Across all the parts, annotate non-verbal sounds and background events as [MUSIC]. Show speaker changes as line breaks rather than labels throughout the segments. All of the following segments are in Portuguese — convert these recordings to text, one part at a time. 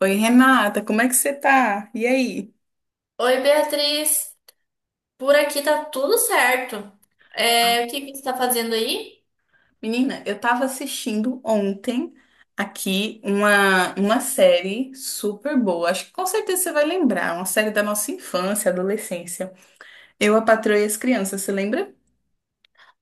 Oi, Renata, como é que você tá? E aí?
Oi, Beatriz. Por aqui tá tudo certo. É, o que você tá fazendo aí?
Menina, eu tava assistindo ontem aqui uma série super boa. Acho que com certeza você vai lembrar. Uma série da nossa infância, adolescência. Eu, a Patroa e as Crianças, você lembra?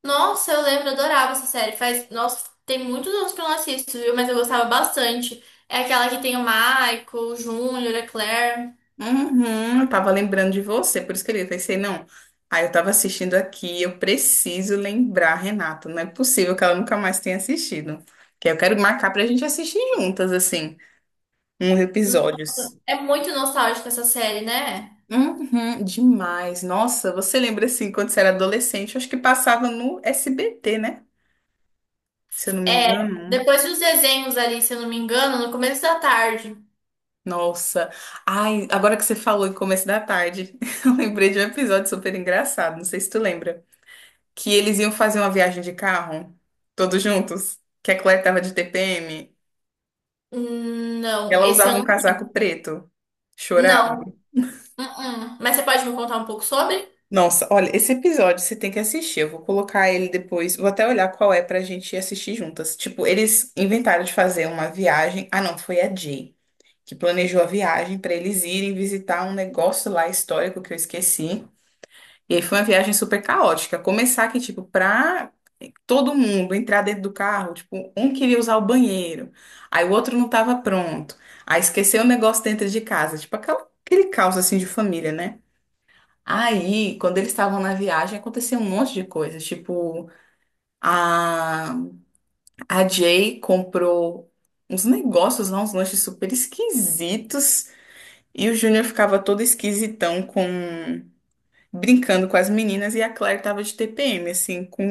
Nossa, eu lembro, eu adorava essa série. Faz, nossa, tem muitos anos que eu não assisto, viu? Mas eu gostava bastante. É aquela que tem o Michael, o Júnior, a Claire.
Uhum, eu tava lembrando de você, por isso que eu pensei, não. Aí eu tava assistindo aqui, eu preciso lembrar, Renata. Não é possível que ela nunca mais tenha assistido. Que eu quero marcar pra gente assistir juntas, assim, uns episódios.
É muito nostálgica essa série, né?
Uhum, demais. Nossa, você lembra assim, quando você era adolescente, eu acho que passava no SBT, né? Se eu não me
É,
engano.
depois dos desenhos ali, se eu não me engano, no começo da tarde.
Nossa. Ai, agora que você falou em começo da tarde, [LAUGHS] eu lembrei de um episódio super engraçado, não sei se tu lembra, que eles iam fazer uma viagem de carro, todos juntos, que a Claire tava de TPM,
Não,
ela
esse
usava
eu
um
não.
casaco preto, chorava.
Não. Uh-uh. Mas você pode me contar um pouco sobre?
Nossa, olha, esse episódio você tem que assistir. Eu vou colocar ele depois. Vou até olhar qual é pra gente assistir juntas. Tipo, eles inventaram de fazer uma viagem. Ah, não, foi a Jay que planejou a viagem pra eles irem visitar um negócio lá histórico que eu esqueci. E aí foi uma viagem super caótica. Começar que, tipo, pra todo mundo entrar dentro do carro, tipo, um queria usar o banheiro, aí o outro não tava pronto, aí esqueceu o negócio dentro de casa. Tipo, aquele caos assim de família, né? Aí, quando eles estavam na viagem, aconteceu um monte de coisas. Tipo, a, a Jay comprou uns negócios lá, uns lanches super esquisitos. E o Júnior ficava todo esquisitão com brincando com as meninas. E a Claire tava de TPM, assim, com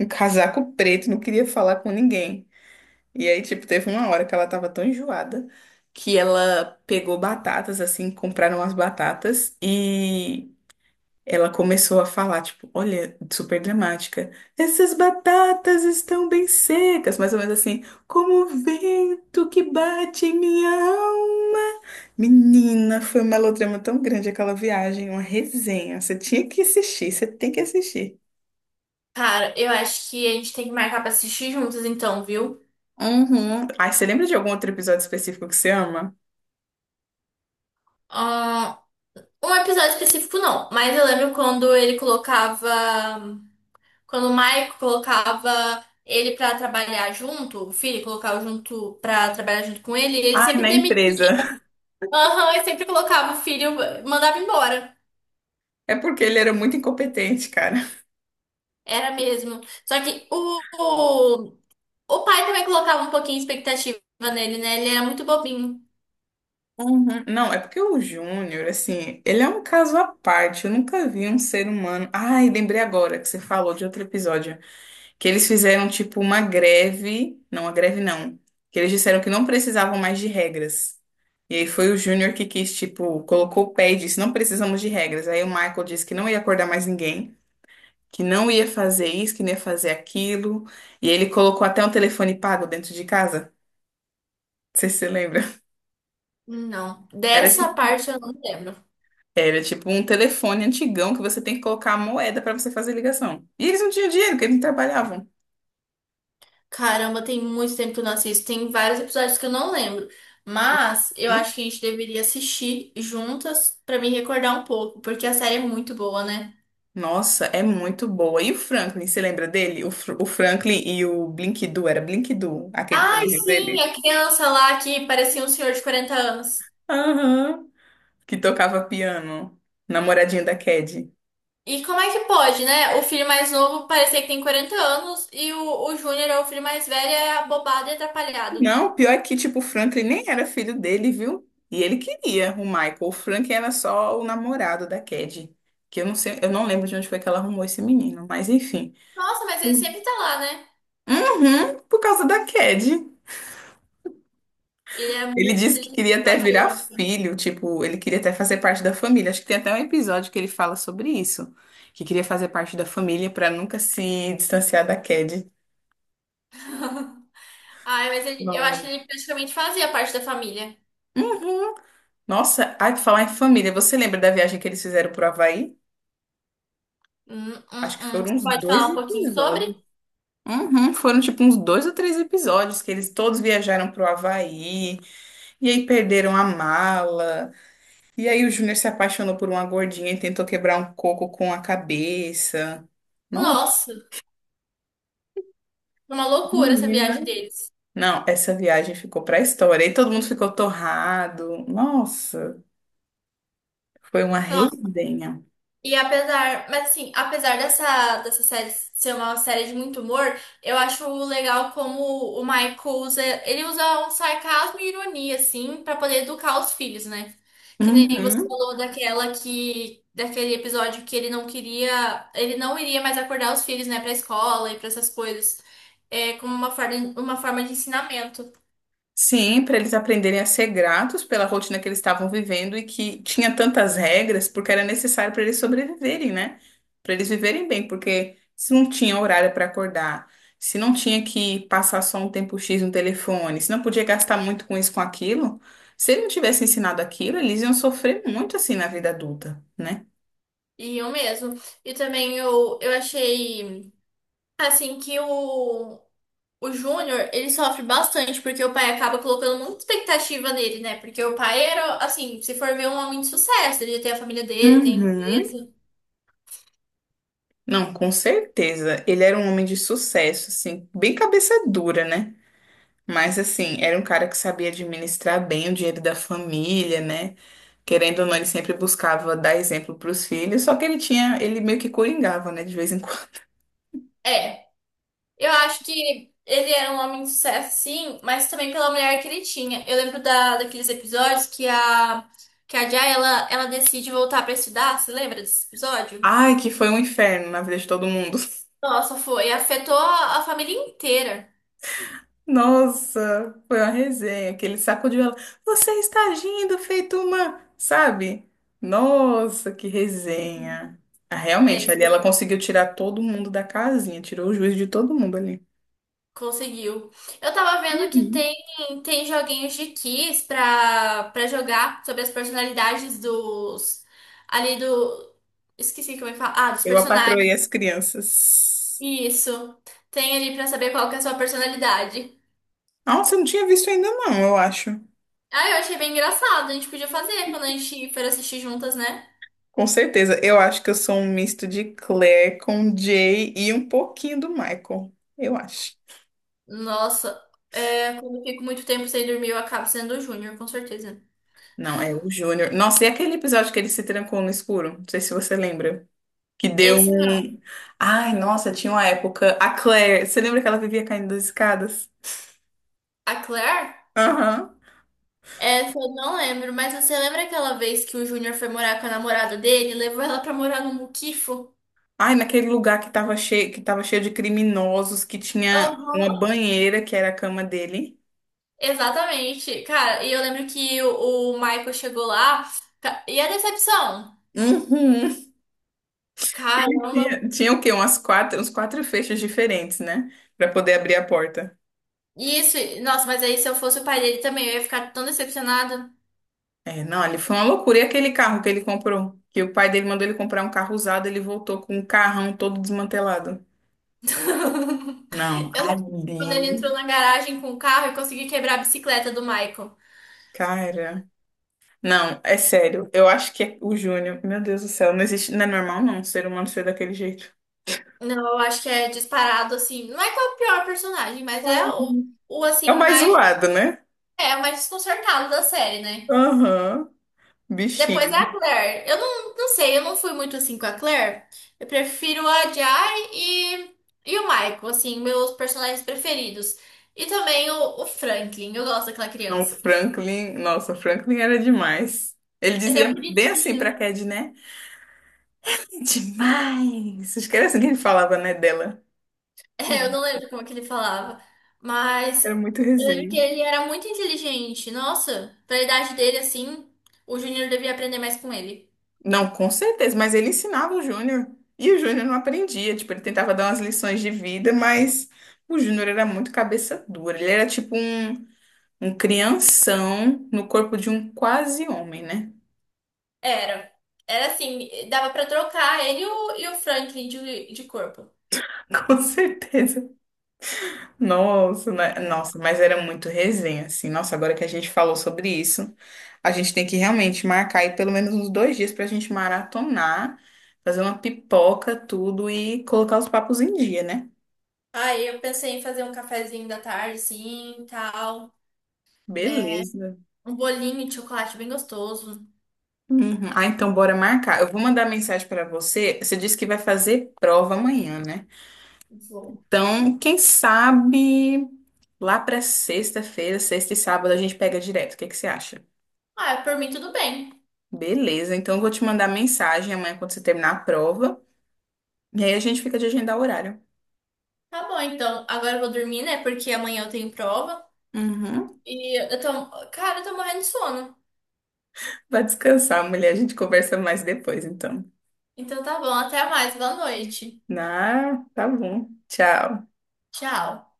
um casaco preto, não queria falar com ninguém. E aí, tipo, teve uma hora que ela tava tão enjoada que ela pegou batatas, assim, compraram as batatas e. Ela começou a falar, tipo, olha, super dramática. Essas batatas estão bem secas, mais ou menos assim, como o vento que bate em minha alma. Menina, foi um melodrama tão grande aquela viagem, uma resenha. Você tinha que assistir, você tem que assistir.
Cara, eu acho que a gente tem que marcar pra assistir juntos, então, viu?
Uhum. Ai, você lembra de algum outro episódio específico que você ama?
Ah, um episódio específico não, mas eu lembro quando ele colocava, quando o Michael colocava ele pra trabalhar junto, o filho colocava junto pra trabalhar junto com ele, ele
Ai,
sempre
na
demitia,
empresa. [LAUGHS]
aham, ele sempre colocava o filho, mandava embora.
É porque ele era muito incompetente, cara.
Era mesmo. Só que o pai também colocava um pouquinho de expectativa nele, né? Ele era muito bobinho.
Uhum. Não, é porque o Júnior, assim, ele é um caso à parte. Eu nunca vi um ser humano. Ai, lembrei agora que você falou de outro episódio. Que eles fizeram, tipo, uma greve. Não, uma greve não. Que eles disseram que não precisavam mais de regras. E aí foi o Júnior que quis, tipo, colocou o pé e disse: não precisamos de regras. Aí o Michael disse que não ia acordar mais ninguém, que não ia fazer isso, que não ia fazer aquilo. E ele colocou até um telefone pago dentro de casa. Não sei se você lembra.
Não,
Era tipo,
dessa parte eu não lembro.
Era tipo um telefone antigão que você tem que colocar a moeda para você fazer ligação. E eles não tinham dinheiro, porque eles não trabalhavam.
Caramba, tem muito tempo que eu não assisto. Tem vários episódios que eu não lembro. Mas eu acho que a gente deveria assistir juntas pra me recordar um pouco, porque a série é muito boa, né?
Nossa, é muito boa. E o Franklin, você lembra dele? O, Fr- o Franklin e o Blink-Doo, era Blink-Doo, aquele
Ai,
tênis
sim,
dele?
a criança lá que parecia um senhor de 40 anos.
Aham. Que tocava piano, namoradinho da Cad.
E como é que pode, né? O filho mais novo parecer que tem 40 anos e o Júnior é o filho mais velho, é abobado e atrapalhado.
Não, pior é que, tipo, o Franklin nem era filho dele, viu? E ele queria o Michael. O Franklin era só o namorado da Cad. Que eu não sei, eu não lembro de onde foi que ela arrumou esse menino, mas enfim.
Nossa, mas ele sempre tá lá, né?
Uhum, por causa da Cad.
Ele é
Ele
muito
disse que
inteligente,
queria até
aquela
virar
criança.
filho, tipo, ele queria até fazer parte da família. Acho que tem até um episódio que ele fala sobre isso, que queria fazer parte da família pra nunca se distanciar da Cad.
[LAUGHS] Ai, mas ele- eu acho que
Não.
ele praticamente fazia parte da família.
Uhum. Nossa, ai, pra falar em família, você lembra da viagem que eles fizeram pro Havaí? Acho que foram
Você
uns
pode
dois
falar um pouquinho
episódios.
sobre?
Uhum, foram tipo uns dois ou três episódios que eles todos viajaram pro Havaí e aí perderam a mala. E aí o Júnior se apaixonou por uma gordinha e tentou quebrar um coco com a cabeça. Nossa,
Nossa, foi uma loucura essa
menina.
viagem deles.
Não, essa viagem ficou pra história. E todo mundo ficou torrado. Nossa, foi uma
Nossa,
resenha.
e apesar, mas assim, apesar dessa série ser uma série de muito humor, eu acho legal como o Michael usa, ele usa um sarcasmo e ironia, assim, pra poder educar os filhos, né? Que nem você
Uhum.
falou daquela que, daquele episódio que ele não queria, ele não iria mais acordar os filhos, né, pra escola e pra essas coisas. É como uma forma de ensinamento.
Sim, para eles aprenderem a ser gratos pela rotina que eles estavam vivendo e que tinha tantas regras, porque era necessário para eles sobreviverem, né? Para eles viverem bem, porque se não tinha horário para acordar, se não tinha que passar só um tempo X no telefone, se não podia gastar muito com isso, com aquilo, se ele não tivesse ensinado aquilo, eles iam sofrer muito assim na vida adulta, né?
Iam mesmo. E também eu achei, assim, que o Júnior, ele sofre bastante, porque o pai acaba colocando muita expectativa nele, né? Porque o pai era, assim, se for ver, um homem de sucesso. Ele tem a família dele, tem
Uhum.
empresa.
Não, com certeza. Ele era um homem de sucesso, assim, bem cabeça dura, né? Mas assim, era um cara que sabia administrar bem o dinheiro da família, né? Querendo ou não, ele sempre buscava dar exemplo para os filhos, só que ele tinha, ele meio que coringava, né, de vez em quando.
É, eu acho que ele era um homem de sucesso, sim, mas também pela mulher que ele tinha. Eu lembro da, daqueles episódios que a Jay, ela decide voltar pra estudar. Você lembra desse
[LAUGHS]
episódio?
Ai, que foi um inferno na vida de todo mundo.
Nossa, foi. Afetou a família inteira.
[LAUGHS] Nossa, foi uma resenha, que ele sacudiu ela. Você está agindo feito uma, sabe? Nossa, que resenha. Ah,
É,
realmente, ali ela conseguiu tirar todo mundo da casinha, tirou o juízo de todo mundo ali.
conseguiu. Eu tava vendo que
Uhum.
tem, tem joguinhos de quiz pra, pra jogar sobre as personalidades dos. Ali do. Esqueci como é que fala. Ah, dos
Eu apatroei
personagens.
as crianças.
Isso. Tem ali pra saber qual que é a sua personalidade.
Nossa, eu não tinha visto ainda não, eu acho.
Ah, eu achei bem engraçado. A gente podia fazer quando a gente for assistir juntas, né?
Com certeza. Eu acho que eu sou um misto de Claire com Jay e um pouquinho do Michael. Eu acho.
Nossa, é, quando eu fico muito tempo sem dormir, eu acabo sendo o Júnior, com certeza.
Não, é o Júnior. Nossa, e aquele episódio que ele se trancou no escuro? Não sei se você lembra. Que deu
Esse não.
um. Ai, nossa, tinha uma época. A Claire, você lembra que ela vivia caindo das escadas?
A Claire?
Aham.
Essa eu não lembro, mas você lembra aquela vez que o Júnior foi morar com a namorada dele, levou ela pra morar no Muquifo?
Ai, naquele lugar que tava cheio de criminosos, que tinha uma
Aham.
banheira que era a cama dele.
Exatamente. Cara, e eu lembro que o Michael chegou lá, ca- e a decepção?
Uhum. Ele
Caramba.
tinha, tinha o quê? Uns quatro fechos diferentes, né? Pra poder abrir a porta.
Isso, nossa, mas aí se eu fosse o pai dele também, eu ia ficar tão decepcionada.
É, não, ali foi uma loucura. E aquele carro que ele comprou? Que o pai dele mandou ele comprar um carro usado, ele voltou com um carrão todo desmantelado.
[LAUGHS]
Não,
Eu, quando ele entrou
ali,
na garagem com o carro, eu consegui quebrar a bicicleta do Michael.
cara. Não, é sério. Eu acho que é o Júnior, meu Deus do céu, não existe, não é normal não, um ser humano ser daquele jeito.
Não, eu acho que é disparado, assim. Não é qual é o pior personagem, mas é o
É o
assim,
mais
mais.
zoado, né?
É, a mais desconcertada da série, né?
Aham.
Depois
Bichinho.
a Claire. Eu não, não sei, eu não fui muito assim com a Claire. Eu prefiro a Jai e o Michael, assim, meus personagens preferidos. E também o Franklin, eu gosto daquela
Não, o
criança.
Franklin. Nossa, o Franklin era demais. Ele
Ele é
dizia bem assim pra
bonitinho. [LAUGHS]
Cad, né? Demais! Esquece que ele falava, né, dela.
É, eu
Não,
não lembro como que ele falava.
era
Mas
muito
eu lembro
resenha.
que ele era muito inteligente. Nossa, pra idade dele, assim, o Junior devia aprender mais com ele.
Não, com certeza, mas ele ensinava o Júnior. E o Júnior não aprendia. Tipo, ele tentava dar umas lições de vida, mas o Júnior era muito cabeça dura. Ele era tipo um, um crianção no corpo de um quase homem, né?
Era. Era assim, dava pra trocar ele e o Franklin de corpo.
[LAUGHS] Com certeza. Nossa, né? Nossa, mas era muito resenha, assim. Nossa, agora que a gente falou sobre isso, a gente tem que realmente marcar aí pelo menos uns dois dias pra gente maratonar, fazer uma pipoca, tudo e colocar os papos em dia, né?
Aí eu pensei em fazer um cafezinho da tarde, sim, tal. É,
Beleza.
um bolinho de chocolate bem gostoso.
Uhum. Ah, então bora marcar. Eu vou mandar mensagem pra você. Você disse que vai fazer prova amanhã, né?
Vou.
Então, quem sabe lá pra sexta-feira, sexta e sábado, a gente pega direto. O que que você acha?
Ah, é, por mim tudo bem.
Beleza, então eu vou te mandar mensagem amanhã quando você terminar a prova. E aí a gente fica de agendar o horário.
Tá bom, então. Agora eu vou dormir, né? Porque amanhã eu tenho prova.
Uhum.
E eu tô... Cara, eu tô morrendo de sono.
Vai descansar, mulher. A gente conversa mais depois, então.
Então tá bom, até mais. Boa noite.
Ah, tá bom. Tchau.
Tchau.